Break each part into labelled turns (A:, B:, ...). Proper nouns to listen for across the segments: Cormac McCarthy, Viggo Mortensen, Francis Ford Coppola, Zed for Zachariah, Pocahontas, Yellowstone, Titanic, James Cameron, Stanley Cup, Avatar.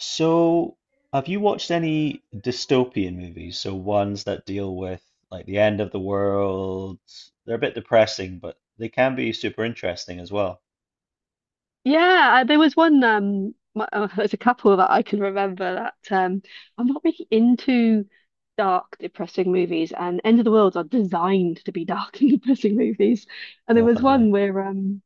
A: So, have you watched any dystopian movies? So ones that deal with like the end of the world. They're a bit depressing, but they can be super interesting as well.
B: Yeah, there was one. There's a couple that I can remember that I'm not really into dark, depressing movies, and End of the Worlds are designed to be dark and depressing movies. And there was
A: Definitely.
B: one where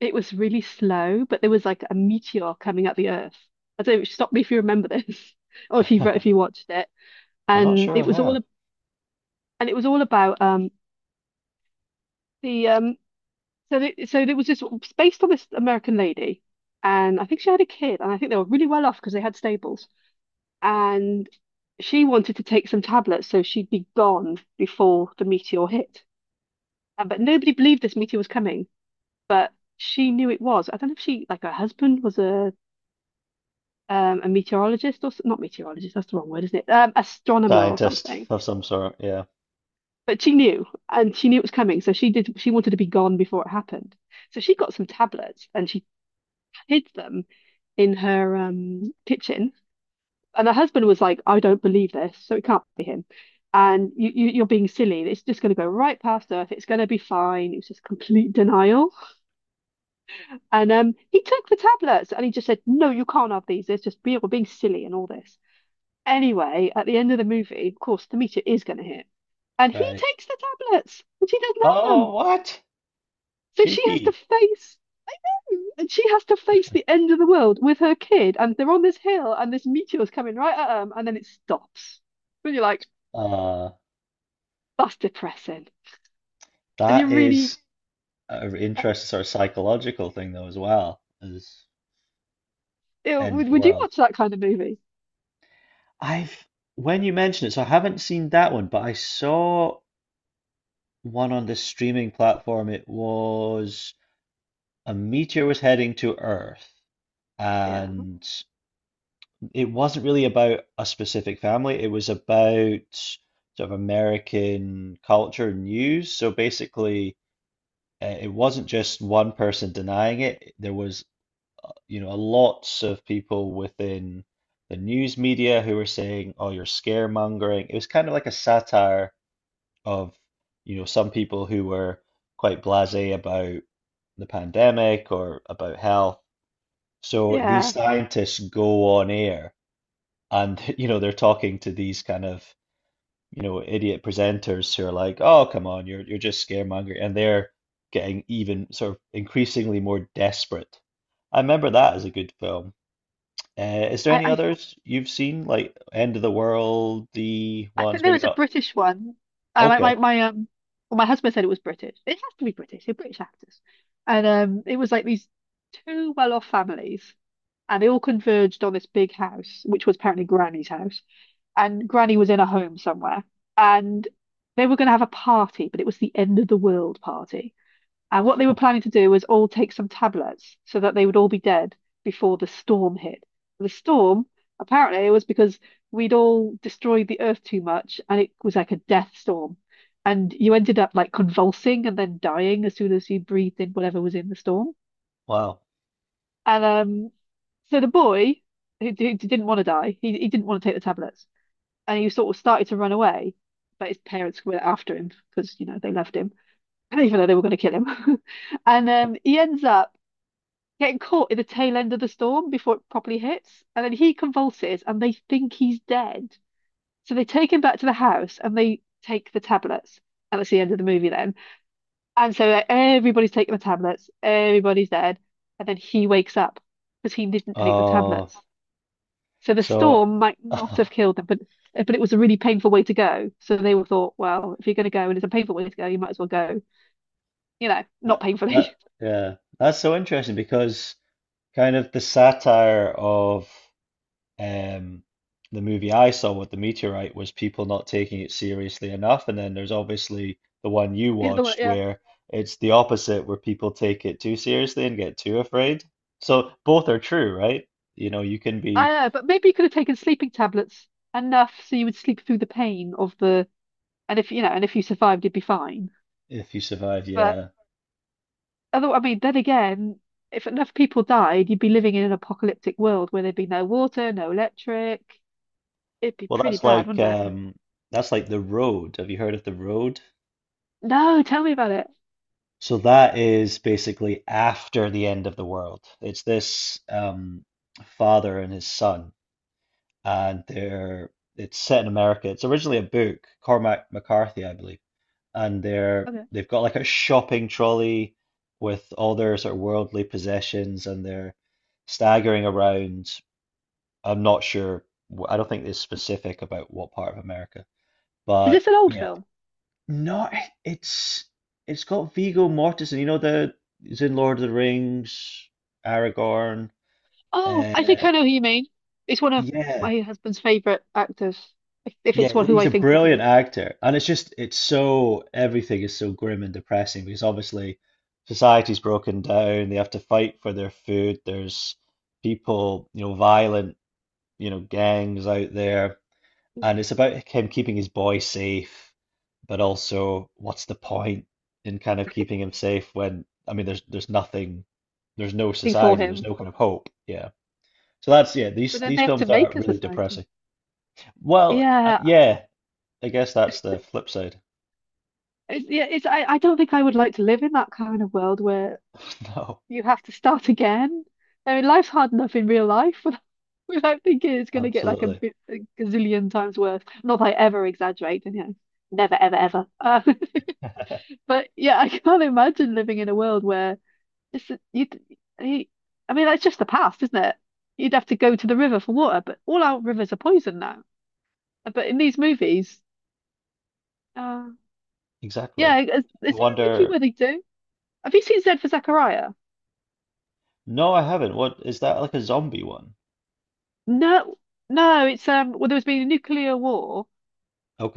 B: it was really slow, but there was like a meteor coming at the Earth. I don't know, stop me if you remember this, or if you
A: I'm
B: if you watched it.
A: not
B: And
A: sure
B: it
A: I
B: was all
A: have.
B: a- and it was all about the so there was this. It's based on this American lady, and I think she had a kid, and I think they were really well off because they had stables. And she wanted to take some tablets so she'd be gone before the meteor hit. But nobody believed this meteor was coming, but she knew it was. I don't know if she like her husband was a meteorologist or not meteorologist. That's the wrong word, isn't it? Astronomer or
A: Scientist
B: something.
A: of some sort, yeah.
B: But she knew, and she knew it was coming, so she did. She wanted to be gone before it happened. So she got some tablets, and she hid them in her kitchen. And her husband was like, "I don't believe this, so it can't be him. And you're being silly. It's just going to go right past Earth. It's going to be fine." It was just complete denial. And he took the tablets and he just said, "No, you can't have these. We're being silly and all this." Anyway, at the end of the movie, of course, the meteor is going to hit, and he
A: Right.
B: takes the tablets, and she doesn't have them.
A: Oh, what?
B: So she has to
A: Cheeky.
B: face And she has to face the end of the world with her kid, and they're on this hill, and this meteor's coming right at them, and then it stops. And you're like,
A: Uh,
B: that's depressing. And you're
A: that
B: really,
A: is an
B: uh,
A: interesting sort of psychological thing though as well as end of the
B: would you
A: world.
B: watch that kind of movie?
A: I've when you mention it, so I haven't seen that one, but I saw one on the streaming platform. It was A meteor was heading to Earth,
B: Yeah,
A: and it wasn't really about a specific family. It was about sort of American culture and news. So basically, it wasn't just one person denying it. There was, lots of people within the news media who were saying, "Oh, you're scaremongering." It was kind of like a satire of, some people who were quite blasé about the pandemic or about health. So these
B: yeah.
A: scientists go on air and they're talking to these kind of idiot presenters who are like, "Oh, come on, you're just scaremongering," and they're getting even sort of increasingly more desperate. I remember that as a good film. Is there
B: I,
A: any
B: I,
A: others you've seen like End of the World, the
B: I think
A: ones
B: there
A: maybe
B: was a
A: not?
B: British one. Uh, my,
A: Okay,
B: my, my, um, well, my husband said it was British. It has to be British. They're British actors, and it was like these two well-off families, and they all converged on this big house, which was apparently Granny's house. And Granny was in a home somewhere, and they were going to have a party, but it was the end of the world party. And what they were planning to do was all take some tablets so that they would all be dead before the storm hit. The storm, apparently, it was because we'd all destroyed the earth too much, and it was like a death storm. And you ended up like convulsing and then dying as soon as you breathed in whatever was in the storm.
A: wow.
B: And so the boy who didn't want to die, he didn't want to take the tablets and he sort of started to run away, but his parents were after him because you know they loved him, even though they were going to kill him. And he ends up getting caught in the tail end of the storm before it properly hits, and then he convulses, and they think he's dead. So they take him back to the house, and they take the tablets, and that's the end of the movie then. And so everybody's taking the tablets, everybody's dead, and then he wakes up because he didn't take the
A: Oh,
B: tablets. So the
A: so
B: storm might not have killed them, but it was a really painful way to go. So they were thought, well, if you're going to go and it's a painful way to go, you might as well go, you know, not
A: that that
B: painfully.
A: yeah, that's so interesting because, kind of, the satire of um, the movie I saw with the meteorite was people not taking it seriously enough. And then there's obviously the one you
B: The other way,
A: watched
B: yeah.
A: where it's the opposite, where people take it too seriously and get too afraid. So both are true, right? You know, you can
B: I
A: be
B: know, but maybe you could have taken sleeping tablets enough so you would sleep through the pain of the, and if you know, and if you survived, you'd be fine.
A: if you survive,
B: But
A: yeah.
B: other, I mean, then again, if enough people died, you'd be living in an apocalyptic world where there'd be no water, no electric. It'd be
A: Well,
B: pretty
A: that's
B: bad,
A: like
B: wouldn't it?
A: The Road. Have you heard of The Road?
B: No, tell me about it.
A: So that is basically after the end of the world. It's this father and his son, and they're it's set in America. It's originally a book, Cormac McCarthy, I believe, and they're
B: Okay.
A: they've got like a shopping trolley with all their sort of worldly possessions, and they're staggering around. I'm not sure. I don't think it's specific about what part of America,
B: Is
A: but
B: this an old
A: yeah,
B: film?
A: not it's it's got Viggo Mortensen. You know the he's in Lord of the Rings, Aragorn.
B: Oh, I think
A: Uh,
B: I know who you mean. It's one of
A: yeah.
B: my husband's favorite actors, if
A: Yeah,
B: it's one who
A: he's
B: I
A: a
B: think it
A: brilliant
B: is.
A: actor, and it's so everything is so grim and depressing because obviously society's broken down. They have to fight for their food. There's people, violent, gangs out there,
B: There's
A: and it's about him keeping his boy safe, but also what's the point in kind of keeping him safe when I mean there's nothing, there's no
B: nothing for
A: society, there's
B: him.
A: no kind of hope. Yeah. So that's yeah, these
B: But then
A: these
B: they have to
A: films are
B: make a
A: really depressing.
B: society.
A: Well,
B: Yeah,
A: yeah. I guess that's the flip side.
B: yeah. It's I don't think I would like to live in that kind of world where
A: No,
B: you have to start again. I mean, life's hard enough in real life without thinking it's going to get like
A: absolutely.
B: a gazillion times worse. Not that I ever exaggerate, and you know, never, ever, ever. But yeah, I can't imagine living in a world where It's you, you. I mean, that's just the past, isn't it? You'd have to go to the river for water, but all our rivers are poisoned now. But in these movies, uh,
A: Exactly.
B: yeah, is there
A: I
B: a movie
A: wonder.
B: where they do? Have you seen Zed for Zachariah?
A: No, I haven't. What is that like a zombie one?
B: No, no. It's. Well, there was been a nuclear war,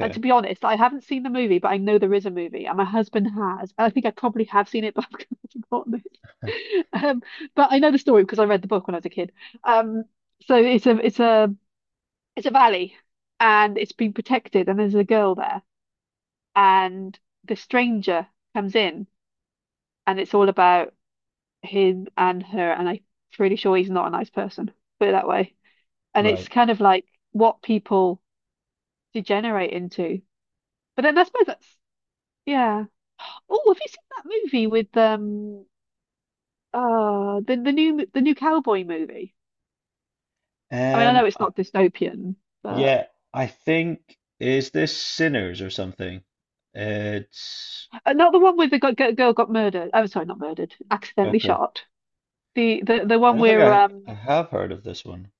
B: and to be honest, I haven't seen the movie, but I know there is a movie, and my husband has. And I think I probably have seen it, but I've forgotten it. Um, but I know the story because I read the book when I was a kid. Um, so it's a valley and it's been protected and there's a girl there and the stranger comes in and it's all about him and her and I'm pretty sure he's not a nice person, put it that way. And it's
A: Right.
B: kind of like what people degenerate into. But then I suppose that's yeah. Oh, have you seen that movie with the new cowboy movie? I mean, I
A: Um,
B: know it's
A: I,
B: not dystopian, but
A: yeah, I think, is this Sinners or something? It's
B: not the one with the girl got murdered. Oh, sorry, not murdered, accidentally
A: okay.
B: shot. The
A: I
B: one
A: don't think
B: where
A: I have heard of this one.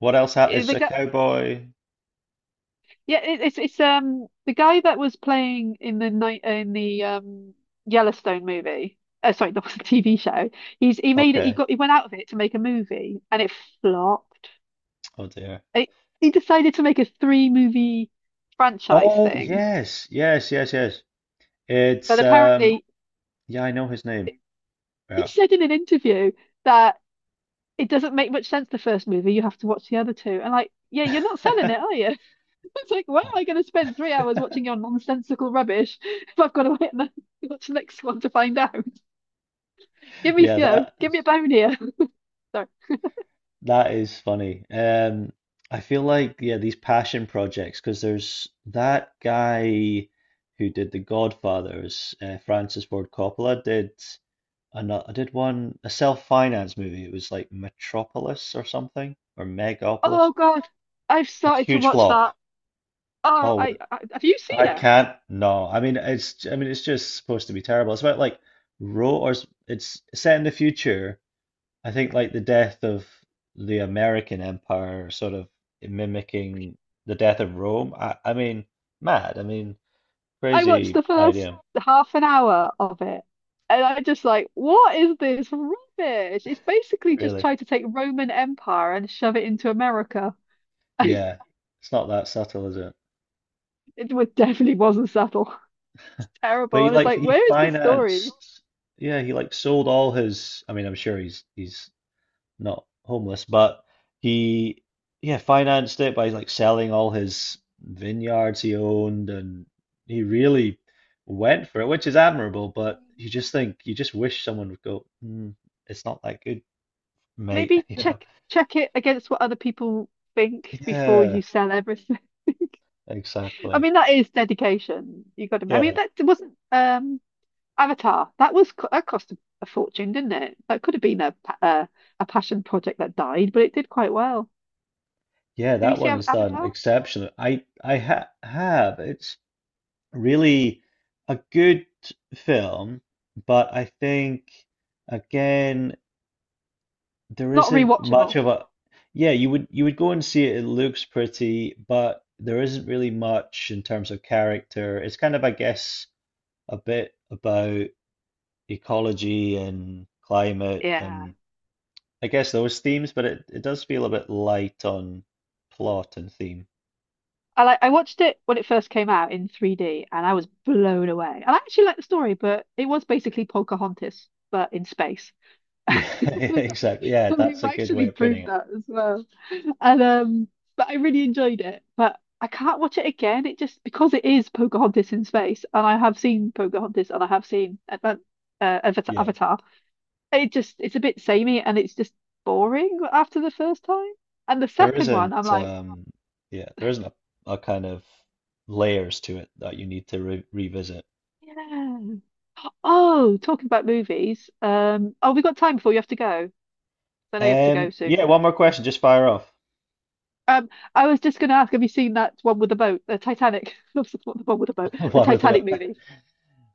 A: What else? Ha
B: eh,
A: It's
B: the
A: a
B: guy
A: cowboy.
B: yeah it, it's the guy that was playing in the night in the Yellowstone movie. Sorry, not the TV show. He's he made it. He
A: Okay.
B: got he went out of it to make a movie, and it flopped.
A: Oh dear.
B: It, he decided to make a three movie franchise
A: Oh
B: thing,
A: yes, yes, yes, yes.
B: but
A: It's
B: apparently
A: yeah, I know his name.
B: he
A: Yeah.
B: said in an interview that it doesn't make much sense. The first movie, you have to watch the other two, and like yeah, you're not selling it, are you? It's like, why am I going to spend 3 hours watching your nonsensical rubbish if I've got to wait and watch the next one to find out? Give me,
A: Yeah,
B: you know,
A: that
B: give me a bone here. Sorry.
A: that is funny. I feel like, yeah, these passion projects, because there's that guy who did The Godfathers, Francis Ford Coppola, did another. I did one, a self-finance movie. It was like Metropolis or something, or Megapolis.
B: Oh God, I've
A: It's a
B: started to
A: huge
B: watch
A: flop.
B: that. Oh,
A: Oh,
B: I have you seen
A: I
B: it?
A: can't. No, I mean it's just supposed to be terrible. It's about like it's set in the future, I think, like the death of the American Empire, sort of mimicking the death of Rome. I mean, mad. I mean,
B: I watched
A: crazy
B: the first
A: idea,
B: half an hour of it, and I'm just like, what is this rubbish? It's basically just
A: really.
B: trying to take Roman Empire and shove it into America.
A: Yeah, it's not that subtle, is it?
B: It definitely wasn't subtle.
A: But
B: Terrible.
A: he,
B: And it's
A: like,
B: like,
A: he
B: where is the story?
A: financed. Yeah, he like sold all his. I mean, I'm sure he's not homeless, but he, yeah, financed it by like selling all his vineyards he owned, and he really went for it, which is admirable. But you just think, you just wish someone would go, "Mm, it's not that good, mate."
B: Maybe
A: You know?
B: check it against what other people think before
A: Yeah,
B: you sell everything. I
A: exactly.
B: mean, that is dedication. You got to. I mean,
A: Yeah,
B: that wasn't Avatar. That was that cost a fortune, didn't it? That could have been a passion project that died, but it did quite well.
A: yeah,
B: Did you
A: that
B: see
A: one is done
B: Avatar?
A: exceptionally. I ha have it's really a good film, but I think, again, there
B: Not
A: isn't much
B: rewatchable.
A: of a, yeah, you would go and see it, it looks pretty, but there isn't really much in terms of character. It's kind of, I guess, a bit about ecology and climate,
B: Yeah.
A: and I guess those themes, but it does feel a bit light on plot and theme.
B: I watched it when it first came out in 3D and I was blown away. And I actually liked the story, but it was basically Pocahontas, but in space.
A: Yeah, yeah,
B: They've
A: exactly. Yeah, that's
B: they've
A: a good way
B: actually
A: of putting
B: proved
A: it.
B: that as well. And but I really enjoyed it. But I can't watch it again. It just because it is Pocahontas in space, and I have seen Pocahontas, and I have seen
A: Yeah.
B: Avatar. It just it's a bit samey, and it's just boring after the first time. And the
A: There
B: second one, I'm
A: isn't
B: like,
A: yeah, there isn't a kind of layers to it that you need to re revisit.
B: yeah. Oh, talking about movies. Oh, we got time before you have to go. I know you have to go
A: Yeah,
B: soon.
A: one more question, just fire off.
B: Um, I was just going to ask, have you seen that one with the boat, the Titanic? Not the one with the boat, the
A: One of them.
B: Titanic movie.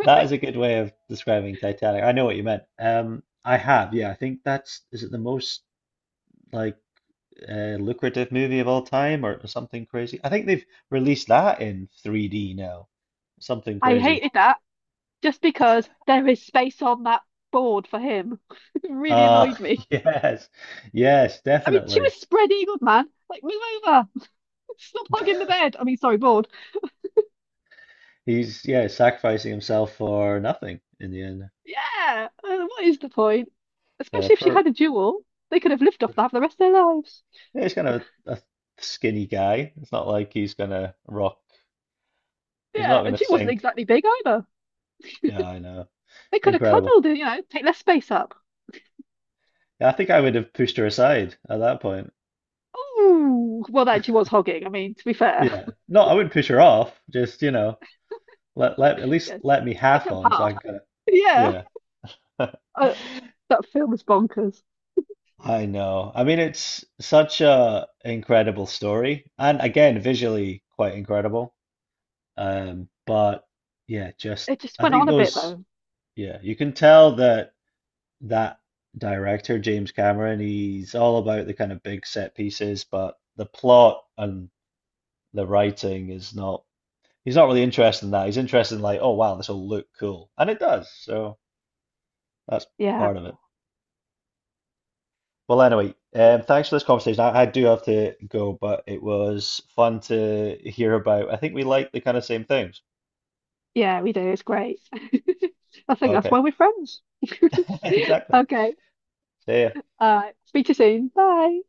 A: That is a good way of describing Titanic. I know what you meant. I have, yeah. I think that's, is it the most, like, lucrative movie of all time or something crazy? I think they've released that in 3D now. Something
B: I
A: crazy.
B: hated that. Just because there is space on that board for him. It really
A: Uh
B: annoyed me.
A: yes. Yes,
B: I mean, she
A: definitely.
B: was spread eagled, man. Like, move over. Stop hogging the bed. I mean, sorry, board.
A: He's, yeah, sacrificing himself for nothing in the end.
B: Yeah. What is the point?
A: Uh,
B: Especially if she
A: per,
B: had a jewel, they could have lived off that for the rest of their lives.
A: yeah, he's kind of a skinny guy. It's not like he's gonna rock. He's not
B: Yeah,
A: going to
B: and she wasn't
A: sink.
B: exactly big either.
A: Yeah, I know.
B: They could have
A: Incredible.
B: cuddled and, you know, take less space up.
A: Yeah, I think I would have pushed her aside at that point.
B: Ooh, well, that she was hogging. I mean, to be fair,
A: Yeah. No, I wouldn't push her off. Just, let at least
B: yeah,
A: let me
B: take
A: half
B: up
A: on so I
B: half.
A: can kind of,
B: Yeah,
A: yeah.
B: uh, that film is bonkers.
A: I know. I mean, it's such a incredible story, and again, visually quite incredible. But yeah, just,
B: It just
A: I
B: went
A: think
B: on a bit
A: those,
B: though.
A: yeah, you can tell that that director, James Cameron, he's all about the kind of big set pieces, but the plot and the writing is not, he's not really interested in that. He's interested in like, "Oh wow, this will look cool." And it does. So that's
B: Yeah,
A: part of it. Well, anyway, thanks for this conversation. I do have to go, but it was fun to hear about. I think we like the kind of same things.
B: yeah, we do. It's great. I think that's
A: Okay,
B: why we're friends.
A: exactly.
B: Okay.
A: See ya.
B: Speak to you soon. Bye.